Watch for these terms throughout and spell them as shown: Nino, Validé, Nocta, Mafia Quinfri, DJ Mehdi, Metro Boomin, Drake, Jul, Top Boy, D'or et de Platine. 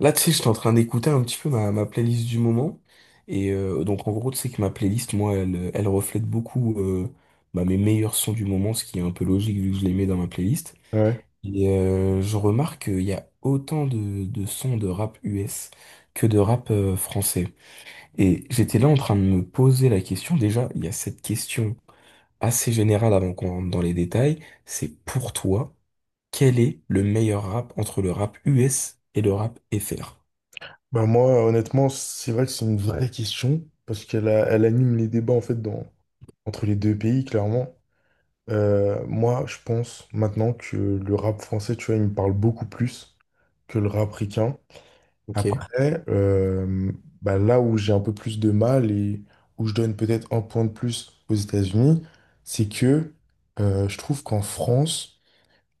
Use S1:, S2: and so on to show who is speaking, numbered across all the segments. S1: Là, tu sais, j'étais en train d'écouter un petit peu ma playlist du moment. Et donc, en gros, tu sais que ma playlist, moi, elle reflète beaucoup bah, mes meilleurs sons du moment, ce qui est un peu logique vu que je les mets dans ma playlist.
S2: Ouais.
S1: Et je remarque qu'il y a autant de sons de rap US que de rap français. Et j'étais là en train de me poser la question. Déjà, il y a cette question assez générale avant qu'on rentre dans les détails. C'est pour toi, quel est le meilleur rap entre le rap US et le rap FR?
S2: Bah moi, honnêtement, c'est vrai que c'est une vraie question, parce qu'elle anime les débats en fait dans, entre les deux pays, clairement. Moi, je pense maintenant que le rap français, tu vois, il me parle beaucoup plus que le rap ricain.
S1: Ok.
S2: Après, bah là où j'ai un peu plus de mal et où je donne peut-être un point de plus aux États-Unis, c'est que je trouve qu'en France,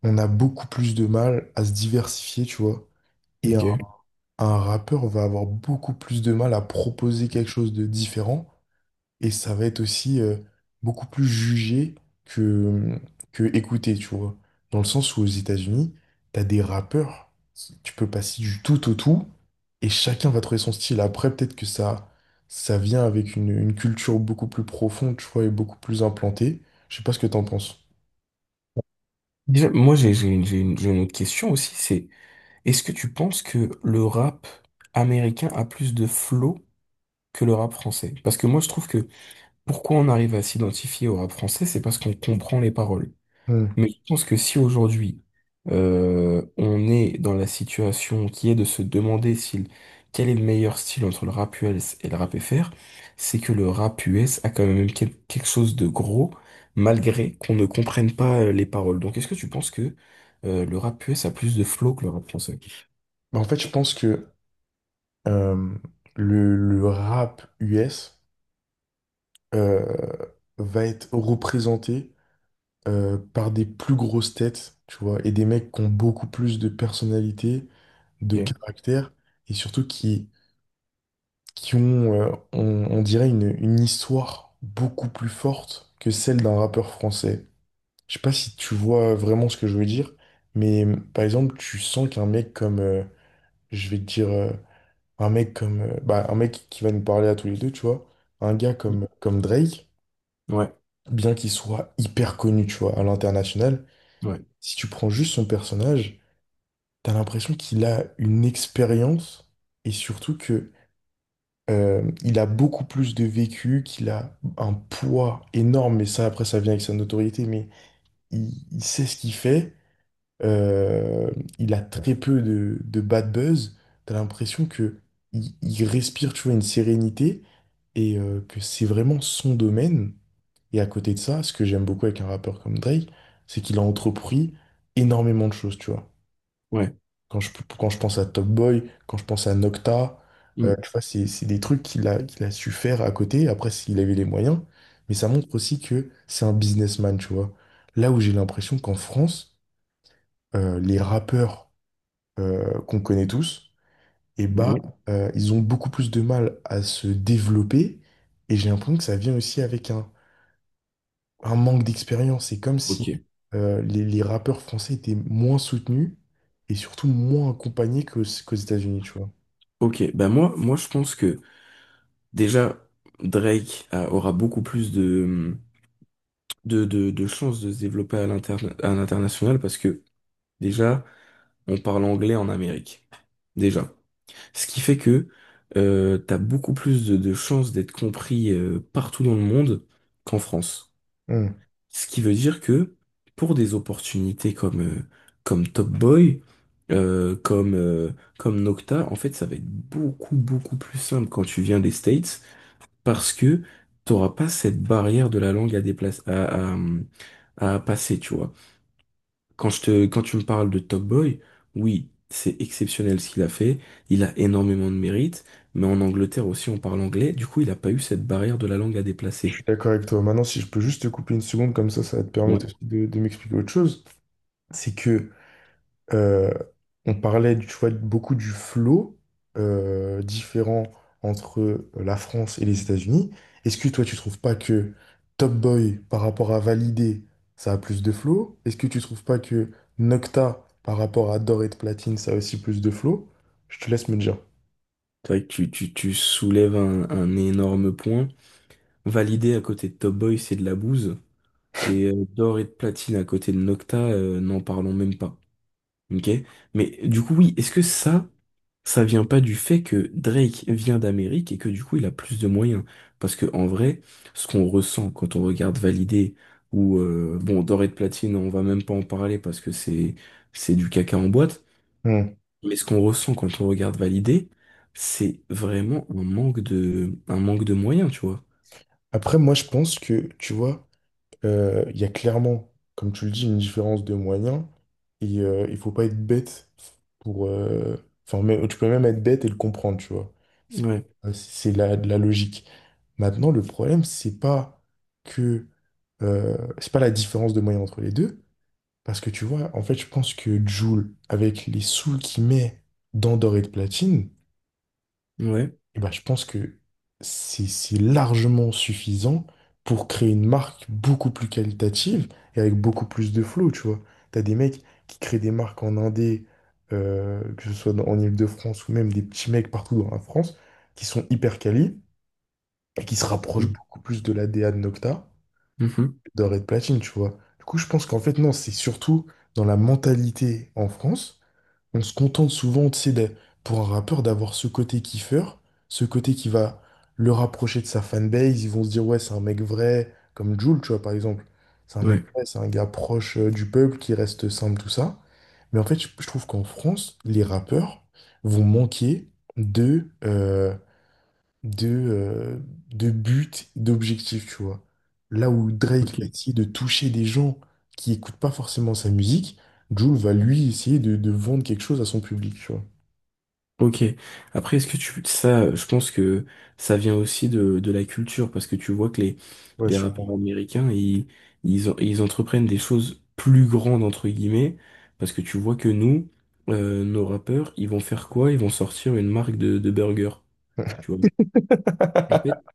S2: on a beaucoup plus de mal à se diversifier, tu vois. Et
S1: Ok.
S2: un rappeur va avoir beaucoup plus de mal à proposer quelque chose de différent et ça va être aussi beaucoup plus jugé que, que écouté, tu vois. Dans le sens où aux États-Unis, t'as des rappeurs, tu peux passer du tout au tout et chacun va trouver son style. Après, peut-être que ça vient avec une culture beaucoup plus profonde, tu vois, et beaucoup plus implantée. Je sais pas ce que t'en penses.
S1: Déjà, moi, j'ai une autre question aussi, c'est est-ce que tu penses que le rap américain a plus de flow que le rap français? Parce que moi, je trouve que pourquoi on arrive à s'identifier au rap français, c'est parce qu'on comprend les paroles.
S2: Hmm.
S1: Mais je pense que si aujourd'hui on est dans la situation qui est de se demander quel est le meilleur style entre le rap US et le rap FR, c'est que le rap US a quand même quelque chose de gros, malgré qu'on ne comprenne pas les paroles. Donc est-ce que tu penses que le rap US a plus de flow que le rap français?
S2: Bah, en fait, je pense que euh, le rap US, euh, va être représenté par des plus grosses têtes, tu vois, et des mecs qui ont beaucoup plus de personnalité, de
S1: Ok.
S2: caractère, et surtout qui ont, on dirait, une histoire beaucoup plus forte que celle d'un rappeur français. Je sais pas si tu vois vraiment ce que je veux dire, mais par exemple, tu sens qu'un mec comme, je vais te dire, un mec comme, bah, un mec qui va nous parler à tous les deux, tu vois, un gars comme Drake,
S1: Ouais,
S2: bien qu'il soit hyper connu, tu vois, à l'international,
S1: ouais,
S2: si tu prends juste son personnage, t'as l'impression qu'il a une expérience et surtout que il a beaucoup plus de vécu, qu'il a un poids énorme, mais ça après ça vient avec sa notoriété, mais il sait ce qu'il fait, euh, il a très peu de bad buzz, t'as l'impression que il respire, tu vois, une sérénité et que c'est vraiment son domaine. Et à côté de ça, ce que j'aime beaucoup avec un rappeur comme Drake, c'est qu'il a entrepris énormément de choses, tu vois.
S1: ouais.
S2: Quand je, quand je pense à Top Boy, quand je pense à Nocta,
S1: Mm.
S2: tu vois, c'est des trucs qu'il a su faire à côté. Après, s'il avait les moyens, mais ça montre aussi que c'est un businessman, tu vois. Là où j'ai l'impression qu'en France, les rappeurs qu'on connaît tous, eh bah,
S1: Ouais.
S2: ils ont beaucoup plus de mal à se développer. Et j'ai l'impression que ça vient aussi avec un manque d'expérience. C'est comme si
S1: Ok,
S2: les rappeurs français étaient moins soutenus et surtout moins accompagnés qu'aux États-Unis, tu vois.
S1: ok. Ben moi, je pense que déjà Drake aura beaucoup plus de chances de se développer à à l'international parce que déjà, on parle anglais en Amérique. Déjà. Ce qui fait que t'as beaucoup plus de chances d'être compris partout dans le monde qu'en France.
S2: Hmm,
S1: Ce qui veut dire que pour des opportunités comme Top Boy, euh, comme, euh, comme Nocta, en fait, ça va être beaucoup, beaucoup plus simple quand tu viens des States parce que t'auras pas cette barrière de la langue à déplacer, à passer, tu vois. Quand tu me parles de Top Boy, oui, c'est exceptionnel ce qu'il a fait. Il a énormément de mérite, mais en Angleterre aussi, on parle anglais. Du coup, il n'a pas eu cette barrière de la langue à
S2: je
S1: déplacer.
S2: suis d'accord avec toi. Maintenant, si je peux juste te couper une seconde, comme ça va te
S1: Ouais.
S2: permettre aussi de m'expliquer autre chose. C'est que Euh, on parlait, tu vois, beaucoup du flow différent entre la France et les États-Unis. Est-ce que toi, tu trouves pas que Top Boy, par rapport à Validé, ça a plus de flow? Est-ce que tu trouves pas que Nocta, par rapport à D'or et de Platine, ça a aussi plus de flow? Je te laisse me dire.
S1: C'est vrai que tu soulèves un énorme point. Validé à côté de Top Boy, c'est de la bouse. Et d'or et de platine à côté de Nocta, n'en parlons même pas. Ok? Mais du coup, oui, ça vient pas du fait que Drake vient d'Amérique et que du coup il a plus de moyens. Parce que en vrai, ce qu'on ressent quand on regarde Validé ou bon Doré de Platine, on va même pas en parler parce que c'est du caca en boîte.
S2: Hmm.
S1: Mais ce qu'on ressent quand on regarde Validé, c'est vraiment un manque de moyens, tu vois.
S2: Après, moi, je pense que, tu vois, il y a clairement, comme tu le dis, une différence de moyens. Et il faut pas être bête pour. Enfin, mais, tu peux même être bête et le comprendre, tu vois. C'est
S1: Ouais,
S2: c'est la logique. Maintenant, le problème, c'est pas que. C'est pas la différence de moyens entre les deux. Parce que tu vois, en fait, je pense que Jul, avec les sous qu'il met dans Doré de Platine,
S1: ouais.
S2: eh ben, je pense que c'est largement suffisant pour créer une marque beaucoup plus qualitative et avec beaucoup plus de flow, tu vois. T'as des mecs qui créent des marques en Indé, que ce soit en Île-de-France ou même des petits mecs partout dans la France, qui sont hyper quali et qui se rapprochent beaucoup plus de la D A de Nocta,
S1: Mhm.
S2: de Red Platine, tu vois. Du coup, je pense qu'en fait, non, c'est surtout dans la mentalité en France on se contente souvent, tu sais, pour un rappeur, d'avoir ce côté kiffeur, ce côté qui va le rapprocher de sa fanbase. Ils vont se dire, ouais, c'est un mec vrai, comme Jul, tu vois, par exemple. C'est un mec
S1: Ouais.
S2: vrai, c'est un gars proche du peuple qui reste simple, tout ça. Mais en fait, je trouve qu'en France, les rappeurs vont manquer de, euh, de, euh, de but, d'objectif, tu vois. Là où Drake
S1: Ok.
S2: va essayer de toucher des gens qui écoutent pas forcément sa musique, Jul va lui essayer de vendre quelque chose à son public, tu vois.
S1: Ok. Après, est-ce que tu ça, je pense que ça vient aussi de la culture parce que tu vois que les
S2: Ouais,
S1: les rappeurs
S2: sûrement.
S1: américains ils entreprennent des choses plus grandes entre guillemets parce que tu vois que nous nos rappeurs ils vont faire quoi? Ils vont sortir une marque de burger. Tu vois.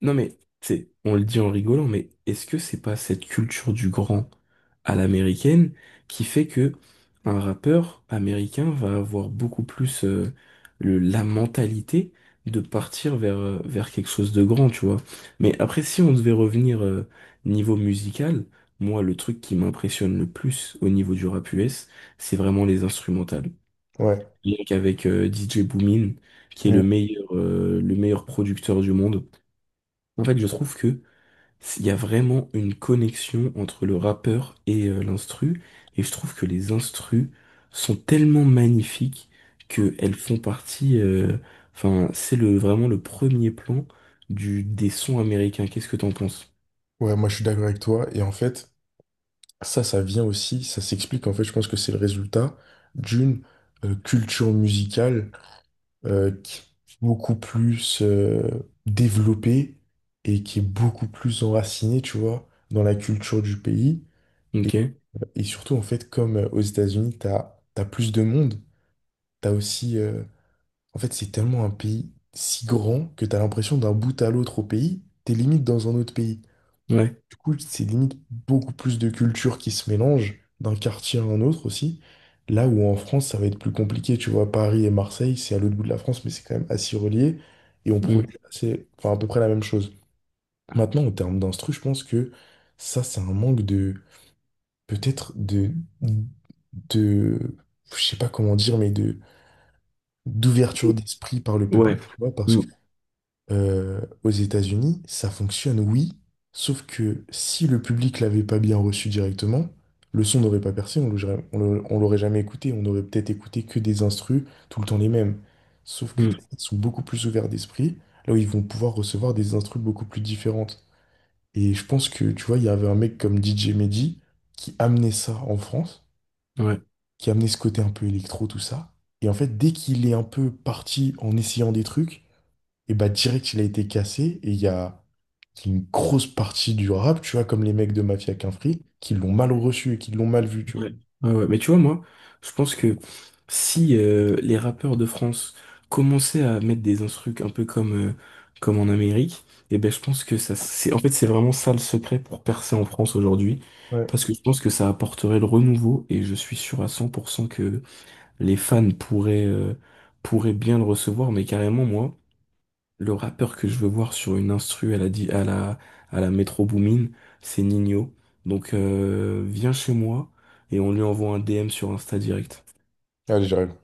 S1: Non mais, on le dit en rigolant, mais est-ce que c'est pas cette culture du grand à l'américaine qui fait que un rappeur américain va avoir beaucoup plus la mentalité de partir vers quelque chose de grand, tu vois. Mais après, si on devait revenir niveau musical, moi, le truc qui m'impressionne le plus au niveau du rap US, c'est vraiment les instrumentales.
S2: Ouais.
S1: Rien qu'avec DJ Boomin, qui est
S2: Ouais,
S1: le meilleur producteur du monde. En fait, je trouve que il y a vraiment une connexion entre le rappeur et l'instru, et je trouve que les instrus sont tellement magnifiques que elles font partie. Enfin, c'est le vraiment le premier plan du des sons américains. Qu'est-ce que t'en penses?
S2: ouais, moi je suis d'accord avec toi. Et en fait, ça vient aussi, ça s'explique. En fait, je pense que c'est le résultat d'une culture musicale qui est beaucoup plus développé et qui est beaucoup plus enraciné, tu vois, dans la culture du pays. Et,
S1: Ok,
S2: et surtout, en fait, comme aux États-Unis, t'as plus de monde, t'as aussi... en fait, c'est tellement un pays si grand que t'as l'impression d'un bout à l'autre au pays, t'es limite dans un autre pays.
S1: ouais.
S2: Du coup, c'est limite beaucoup plus de cultures qui se mélangent d'un quartier à un autre aussi. Là où en France, ça va être plus compliqué, tu vois, Paris et Marseille, c'est à l'autre bout de la France, mais c'est quand même assez relié et on
S1: Mm.
S2: produit assez, enfin, à peu près la même chose. Maintenant, en termes d'instru, je pense que ça, c'est un manque de, peut-être de, je sais pas comment dire, mais de, d'ouverture d'esprit par le
S1: Ouais.
S2: public, tu vois, parce
S1: Mm.
S2: aux États-Unis, ça fonctionne, oui, sauf que si le public l'avait pas bien reçu directement, le son n'aurait pas percé, on l'aurait jamais écouté, on aurait peut-être écouté que des instrus, tout le temps les mêmes. Sauf que du coup,
S1: Mm.
S2: ils sont beaucoup plus ouverts d'esprit, là où ils vont pouvoir recevoir des instrus beaucoup plus différentes. Et je pense que, tu vois, il y avait un mec comme DJ Mehdi qui amenait ça en France,
S1: Ouais.
S2: qui amenait ce côté un peu électro, tout ça. Et en fait, dès qu'il est un peu parti en essayant des trucs, et bah direct, il a été cassé, et il y a c'est une grosse partie du rap, tu vois, comme les mecs de Mafia Quinfri, qui l'ont mal reçu et qui l'ont mal vu, tu vois.
S1: Ouais. Ouais, ouais. Mais tu vois, moi, je pense que si les rappeurs de France commençaient à mettre des instrus un peu comme en Amérique, et ben je pense que ça, en fait, c'est vraiment ça le secret pour percer en France aujourd'hui.
S2: Ouais.
S1: Parce que je pense que ça apporterait le renouveau et je suis sûr à 100% que les fans pourraient bien le recevoir. Mais carrément, moi, le rappeur que je veux voir sur une instru à la, di- à la Metro Boomin, c'est Nino. Donc viens chez moi et on lui envoie un DM sur Insta direct.
S2: Allez, j'arrive.